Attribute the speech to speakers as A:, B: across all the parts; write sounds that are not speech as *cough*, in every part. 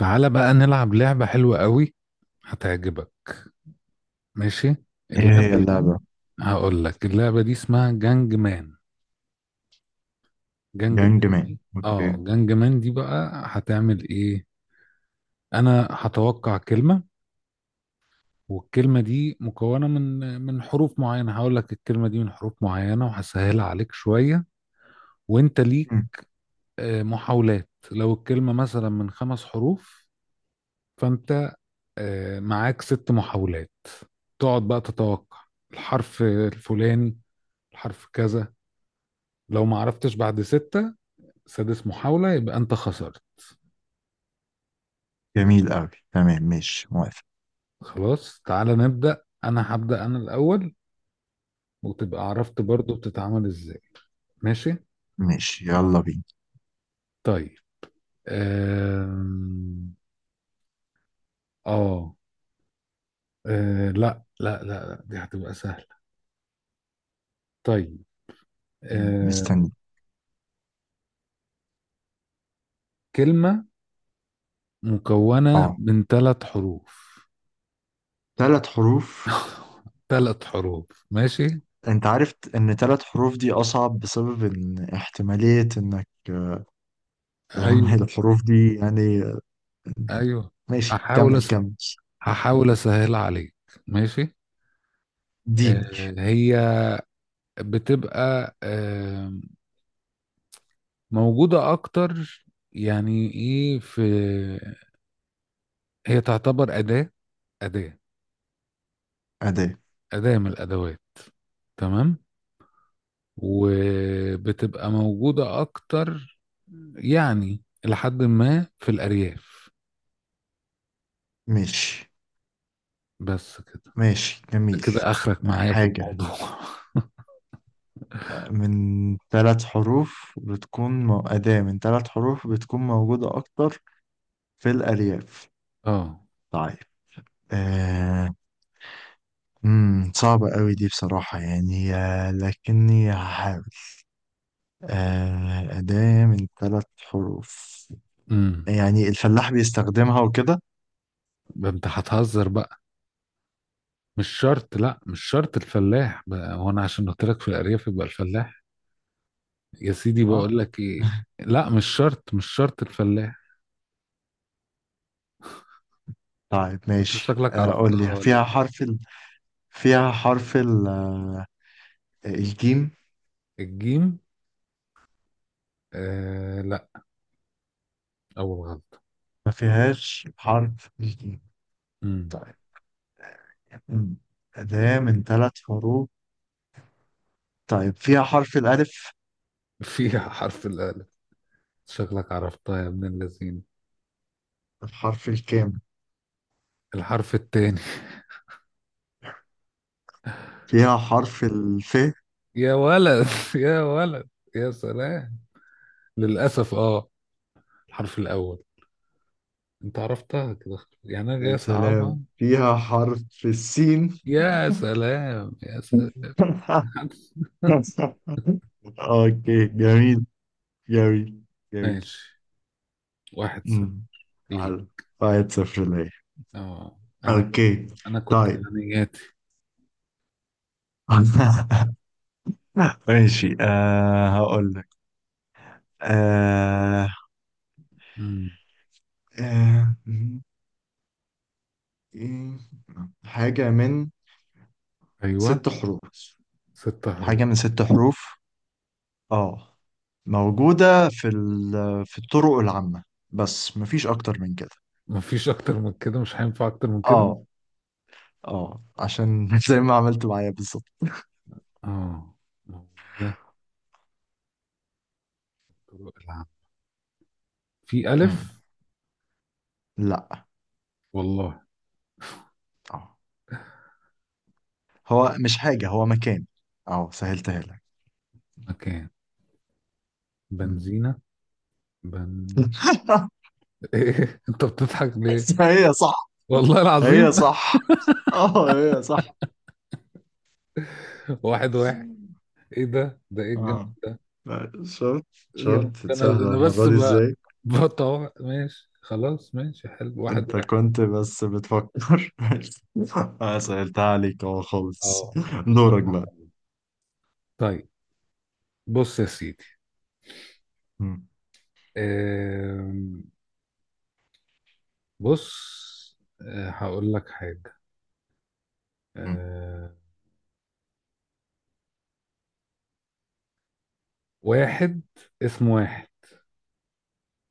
A: تعالى بقى نلعب لعبة حلوة قوي هتعجبك. ماشي.
B: ايه هي
A: اللعبة دي،
B: اللعبة؟
A: هقول لك اللعبة دي اسمها جانج مان. جانج مان
B: جانج مان،
A: دي
B: اوكي.
A: اه جانج مان دي بقى هتعمل ايه؟ انا هتوقع كلمة، والكلمة دي مكونة من حروف معينة. هقول لك الكلمة دي من حروف معينة وهسهلها عليك شوية، وانت ليك
B: مم.
A: محاولات. لو الكلمة مثلا من خمس حروف، فانت معاك ست محاولات. تقعد بقى تتوقع الحرف الفلاني، الحرف كذا. لو ما عرفتش بعد ستة، سادس محاولة يبقى انت خسرت.
B: جميل أوي، تمام، ماشي، موافق.
A: خلاص، تعالى نبدأ. انا هبدأ انا الاول، وتبقى عرفت برضو بتتعمل ازاي. ماشي.
B: ماشي، يلا بينا.
A: طيب. آم، اه آه، لا لا لا لا، دي هتبقى سهلة. طيب. آه،
B: مستني.
A: كلمة مكونة
B: اه،
A: من ثلاث حروف.
B: 3 حروف.
A: *laughs* ثلاث حروف ماشي.
B: انت عارف ان 3 حروف دي اصعب، بسبب ان احتمالية انك
A: ايوه.
B: *laughs* الحروف دي يعني.
A: ايوه.
B: ماشي،
A: هحاول
B: كمل
A: أس...
B: كمل.
A: هحاول اسهلها عليك. ماشي.
B: دين.
A: هي بتبقى موجودة اكتر. يعني ايه؟ في، هي تعتبر أداة. أداة.
B: أداة.
A: أداة من الأدوات. تمام. وبتبقى موجودة اكتر، يعني لحد ما في الأرياف.
B: ماشي،
A: بس كده.
B: ماشي، جميل.
A: كده اخرك معايا في
B: حاجة
A: الموضوع. *laughs*
B: من 3 حروف بتكون أداة من 3 حروف بتكون موجودة أكتر في الأرياف.
A: اه.
B: طيب، آه، صعبة قوي دي بصراحة، يعني لكني هحاول. أداة من 3 حروف.
A: امم
B: يعني الفلاح بيستخدمها وكده.
A: ده انت هتهزر بقى. مش شرط، لا مش شرط الفلاح بقى. هو انا عشان قلت لك في الارياف يبقى الفلاح؟ يا سيدي،
B: اه.
A: بقول لك ايه.
B: *laughs*
A: لا، مش شرط، مش شرط الفلاح.
B: طيب،
A: انت
B: ماشي،
A: شكلك
B: قول
A: عرفتها
B: لي،
A: ولا إيه؟
B: فيها حرف ال... آه، الجيم؟
A: الجيم. لا. اول غلط.
B: ما فيهاش حرف الجيم.
A: امم.
B: طيب. مم. أداة من ثلاث حروف. طيب، فيها حرف الألف.
A: فيها *laughs* حرف الالف. شكلك عرفتها يا ابن اللذين.
B: الحرف الكام؟
A: الحرف التاني.
B: فيها حرف الف.
A: *laughs* يا ولد، يا ولد، يا سلام. للاسف. اه. الحرف الاول. انت عرفتها كده. يعني انا جاي
B: يا
A: اصعبها.
B: سلام، فيها حرف السين.
A: يا سلام، يا سلام.
B: *laughs*
A: *laughs*
B: اوكي، جميل، جميل، جميل.
A: ماشي. واحد صفر.
B: امم.
A: ليه؟
B: حلو، 1-0 ليا.
A: اه. انا
B: اوكي.
A: انا كنت
B: طيب.
A: اعلانياتي.
B: *laughs* ماشي، هقول لك، آه
A: امم.
B: آه م- إيه، حاجة من
A: ايوه.
B: 6 حروف.
A: ست
B: حاجة
A: حروف.
B: من ست حروف. اه، موجودة في الطرق العامة. بس مفيش أكتر من كده.
A: مفيش اكتر من كده، مش هينفع اكتر من كده.
B: اه، اه، عشان *laughs* زي ما عملت معايا بالظبط.
A: اه. موجودة طرق العمل. في الف؟
B: لا،
A: والله.
B: اه، هو مش حاجة، هو مكان. اه، سهلتها لك.
A: مكان
B: أمم.
A: بنزينة. بن.
B: *laughs*
A: *laughs* ايه انت بتضحك ليه؟
B: هي صح،
A: والله
B: هي
A: العظيم.
B: صح، اه، هي صح.
A: *laughs* واحد واحد. ايه ده ايه الجمال.
B: اه، لا، شفت، شفت
A: ده انا ده
B: سهلة
A: انا
B: المرة
A: بس
B: دي ازاي.
A: بطوع. ماشي خلاص، ماشي حلو. واحد
B: انت
A: واحد.
B: كنت بس بتفكر. *laughs* اه، سهلتها عليك، اه، خالص.
A: اه،
B: دورك
A: بصراحة.
B: بقى.
A: طيب، بص يا سيدي.
B: أمم.
A: آم، بص. هقول لك حاجة. آه، واحد. اسمه واحد.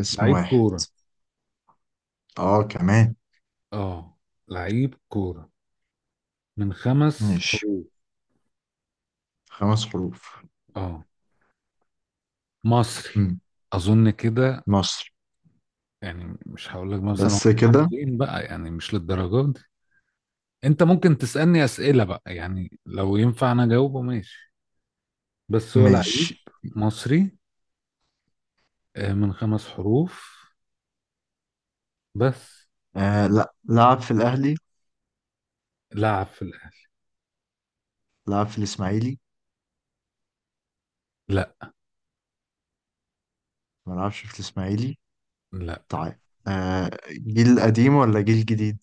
B: اسم
A: لعيب
B: واحد.
A: كورة.
B: اه، كمان.
A: اه. لعيب كورة. من خمس
B: ماشي،
A: حروف.
B: 5 حروف.
A: اه. مصري.
B: أمم.
A: أظن كده.
B: مصر.
A: يعني مش هقول لك مثلا هو
B: بس
A: بيلعب
B: كده؟
A: فين بقى، يعني مش للدرجة دي. أنت ممكن تسألني أسئلة بقى، يعني لو ينفع أنا أجاوبه. ماشي. بس هو لعيب
B: ماشي.
A: مصري، من خمس حروف. بس.
B: لا، لعب في الأهلي.
A: لعب في الأهلي.
B: لعب في الإسماعيلي؟
A: لا.
B: ما لعبش في الإسماعيلي.
A: لا.
B: طيب. جيل قديم ولا جيل جديد؟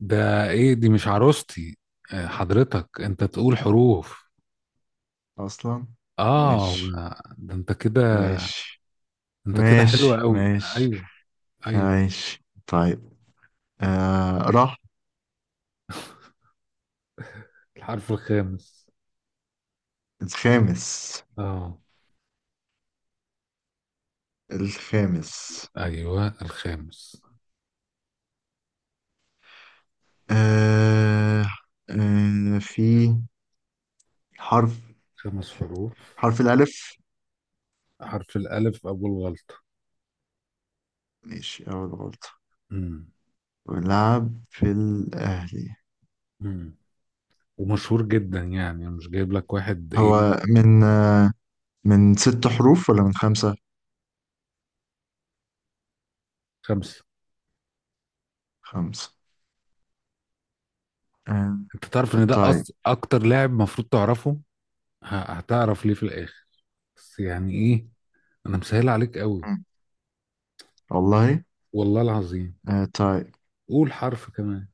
A: ده ايه دي؟ مش عروستي. حضرتك انت تقول حروف.
B: أصلا.
A: اه.
B: ماشي،
A: ده انت كده،
B: ماشي،
A: انت كده حلو
B: ماشي،
A: قوي.
B: ماشي،
A: ايوه. ايوه.
B: ماشي. طيب. راح.
A: الحرف الخامس.
B: الخامس.
A: اه.
B: الخامس.
A: ايوه الخامس.
B: آه في حرف
A: خمس حروف.
B: حرف الألف.
A: حرف الالف، اول غلطة.
B: ماشي، أول غلطة.
A: امم.
B: ولعب في الأهلي.
A: امم. ومشهور جدا، يعني مش جايب لك واحد ايه.
B: هو من آه من 6 حروف ولا من 5؟
A: خمسة.
B: خمسة. آه
A: انت تعرف ان ده
B: طيب.
A: اكتر لاعب مفروض تعرفه. هتعرف ليه في الاخر. بس يعني ايه، انا مسهل عليك قوي.
B: مم. والله.
A: والله العظيم.
B: طيب.
A: قول حرف كمان،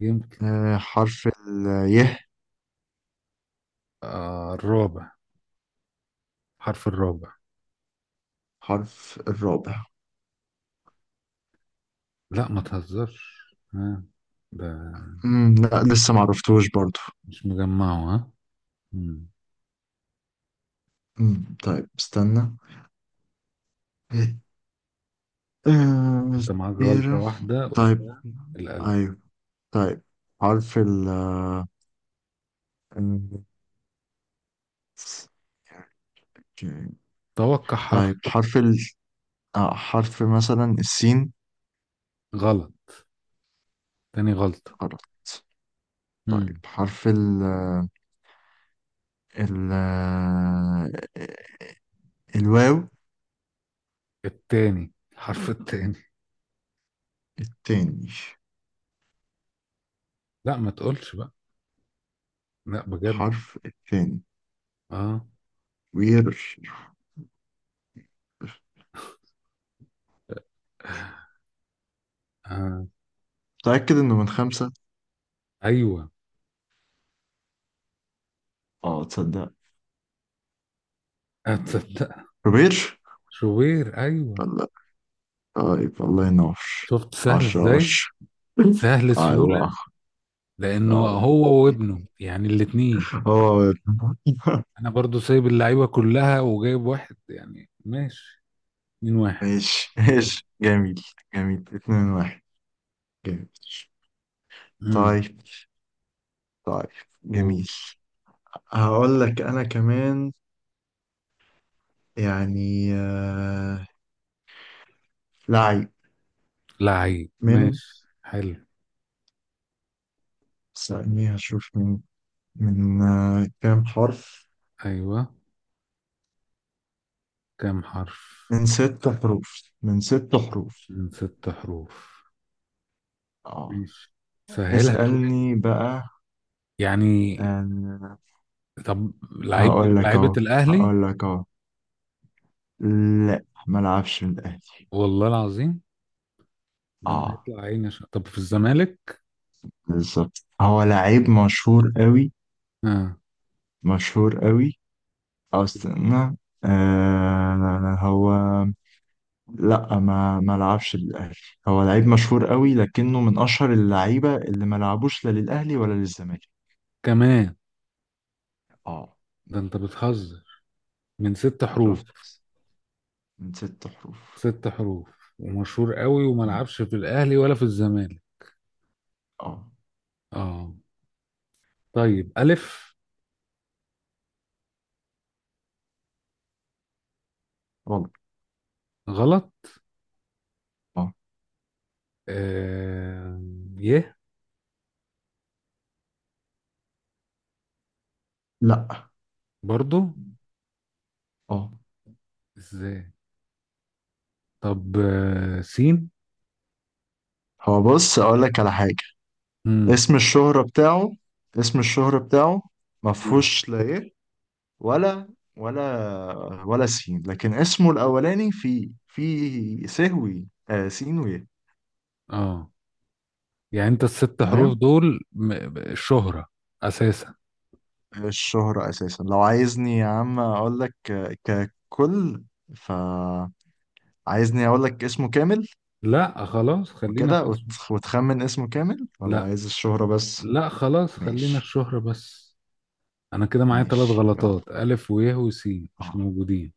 A: يمكن.
B: حرف ال ي.
A: الرابع. حرف الرابع.
B: حرف الرابع؟
A: لا، ما تهزرش. ها. ده
B: مم. لا، لسه معرفتوش برضو.
A: مش مجمعه. ها. مم.
B: مم. طيب، استنى. آه
A: انت معاك غلطة
B: كتيرة.
A: واحدة
B: طيب.
A: قلتها، الألف.
B: ايوه. طيب، حرف ال آه،
A: توقع حرف.
B: طيب، حرف ال آه حرف مثلا السين.
A: غلط. تاني غلطة.
B: غلط. طيب،
A: مم.
B: حرف ال آه، ال آه، الواو.
A: التاني، الحرف التاني.
B: التاني؟
A: لا، ما تقولش بقى. لا بجد.
B: حرف التاني.
A: اه.
B: وير.
A: آه.
B: متأكد إنه من 5؟
A: ايوه.
B: اه، تصدق؟
A: هتصدق؟
B: كبير.
A: شوبير. ايوه.
B: لا. طيب، الله ينور.
A: شفت سهل
B: عشرة
A: ازاي.
B: عشرة *laughs*
A: سهل سهولة.
B: الله،
A: لأنه
B: الله،
A: هو وابنه يعني الاتنين.
B: هو. *laughs*
A: انا برضو سايب اللعيبه كلها وجايب واحد يعني. ماشي. اتنين واحد.
B: ماشي،
A: يلا.
B: ماشي، جميل. جميل، 2-1. جميل.
A: امم.
B: طيب، طيب، جميل. هقول لك أنا كمان، يعني لعيب
A: لعيب
B: من
A: ماشي حلو.
B: ثانية، أشوف من كام حرف.
A: ايوه. كام حرف.
B: من ست حروف، من ست حروف.
A: من ست حروف.
B: اه.
A: ماشي، سهلها شويه
B: اسألني بقى.
A: يعني.
B: آه
A: طب لعيب من
B: هقول لك
A: لعيبه
B: اهو،
A: الاهلي؟
B: هقول لك اهو. لا، ما لعبش من الاهلي.
A: والله العظيم. ده انا
B: اه،
A: هيطلع عيني عشان. طب في الزمالك؟
B: بالظبط، هو لعيب مشهور قوي،
A: اه.
B: مشهور قوي. أو استنى. هو، لا، ما لعبش للاهلي. هو لعيب مشهور قوي، لكنه من اشهر اللعيبه اللي ما لعبوش لا للاهلي ولا للزمالك.
A: كمان.
B: اه.
A: ده انت بتهزر. من ست حروف.
B: شفت؟ من ست حروف.
A: ست حروف ومشهور قوي وما
B: مم.
A: لعبش في الاهلي ولا في الزمالك.
B: اه،
A: اه. طيب، ألف.
B: والله.
A: غلط.
B: اه،
A: آه... ي.
B: لا،
A: برضو.
B: اه،
A: ازاي. طب، سين.
B: هو بص، اقول لك على حاجه.
A: مم.
B: اسم الشهره بتاعه، اسم الشهره بتاعه. ما
A: مم.
B: فيهوش لا ايه. ولا، ولا، ولا سين، لكن اسمه الاولاني في سهوي، سين، ويه.
A: اه. يعني انت الست حروف
B: تمام.
A: دول الشهرة أساسا.
B: الشهره اساسا، لو عايزني يا عم اقول لك ككل، فعايزني اقول لك اسمه كامل.
A: لا، خلاص، خلينا
B: وكده،
A: في اسم.
B: وتخمن اسمه كامل ولا
A: لا.
B: عايز الشهره بس؟
A: لا، خلاص، خلينا
B: ماشي.
A: الشهرة بس. أنا كده معايا ثلاث
B: ماشي، يلا.
A: غلطات، ألف ويه وسين مش
B: اه،
A: موجودين.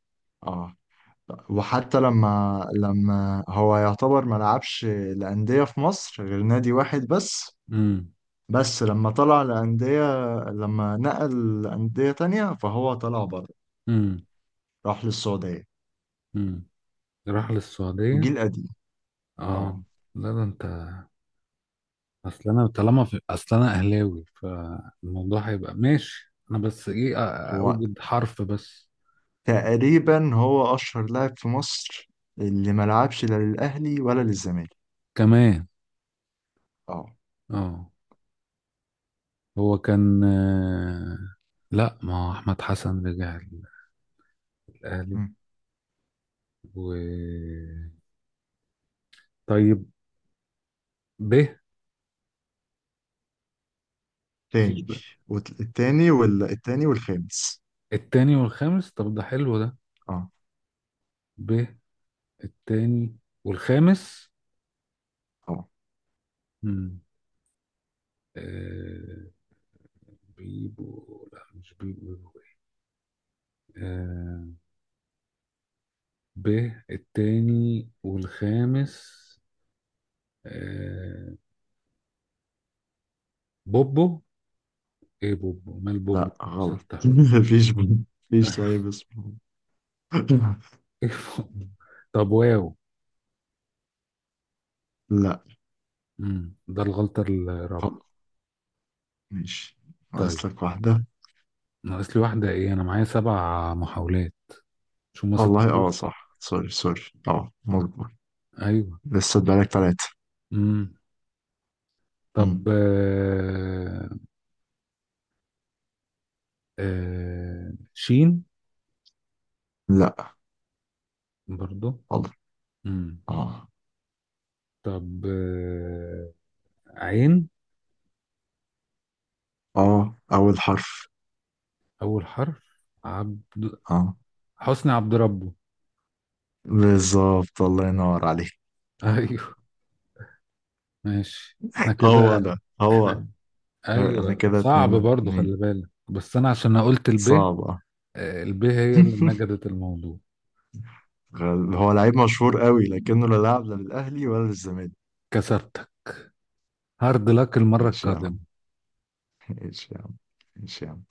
B: اه. وحتى لما هو يعتبر ما لعبش لأندية في مصر غير نادي واحد بس.
A: مم.
B: بس لما طلع لأندية، لما نقل لأندية تانية فهو طلع بره.
A: مم.
B: راح للسعودية.
A: مم. راح للسعودية.
B: وجيل قديم.
A: اه.
B: اه.
A: لا، ده انت. اصل انا اهلاوي، فالموضوع هيبقى ماشي. انا بس ايه
B: هو
A: اوجد حرف بس.
B: تقريبا، هو أشهر لاعب في مصر اللي ما لعبش لا للأهلي ولا للزمالك.
A: كمان.
B: اه.
A: اه. هو كان لا، ما هو احمد حسن رجع الاهلي.
B: مم.
A: و، طيب. ب في
B: تاني.
A: ب-
B: التاني والخامس.
A: التاني والخامس. طب ده حلو ده.
B: اه،
A: ب التاني والخامس.
B: اه،
A: مم. آه... بيبو. لا، مش بيبو. آه... ب التاني والخامس. آه، بوبو. ايه بوبو، مال بوبو.
B: لا، غلط.
A: ست حروف.
B: *laughs* مفيش. مفيش
A: *laughs*
B: لعيب اسمه. *laughs*
A: إيه بوبو؟ طب، واو.
B: لا،
A: مم. ده الغلطة الرابعة.
B: خلاص، ماشي،
A: طيب.
B: ناقص لك واحدة.
A: ناقص لي واحدة ايه، انا معايا سبع محاولات؟ مش هما ست
B: والله، اه،
A: حروف؟
B: صح. سوري، سوري. اه، مظبوط.
A: ايوه.
B: لسه بقالك 3.
A: مم.
B: مم.
A: طب، شين.
B: لا،
A: برضو.
B: والله.
A: مم.
B: اه،
A: طب، عين.
B: اه، أول حرف.
A: اول حرف. عبد.
B: اه،
A: حسني عبد ربه.
B: بالظبط، الله ينور عليك.
A: *laughs*
B: *laughs*
A: ايوه. ماشي، احنا
B: هو
A: كده.
B: ده، هو ده.
A: احنا.
B: انا
A: ايوه.
B: كده
A: صعب
B: اتنين
A: برضو، خلي
B: اتنين
A: بالك. بس انا عشان أنا قلت الب،
B: صعبة.
A: الب هي اللي
B: *laughs*
A: نجدت الموضوع.
B: هو لعيب مشهور قوي، لكنه لا لاعب لا للأهلي ولا للزمالك.
A: كسبتك. هارد لك المره
B: ماشي يا
A: القادمه.
B: عم، ماشي يا عم، ماشي يا عم.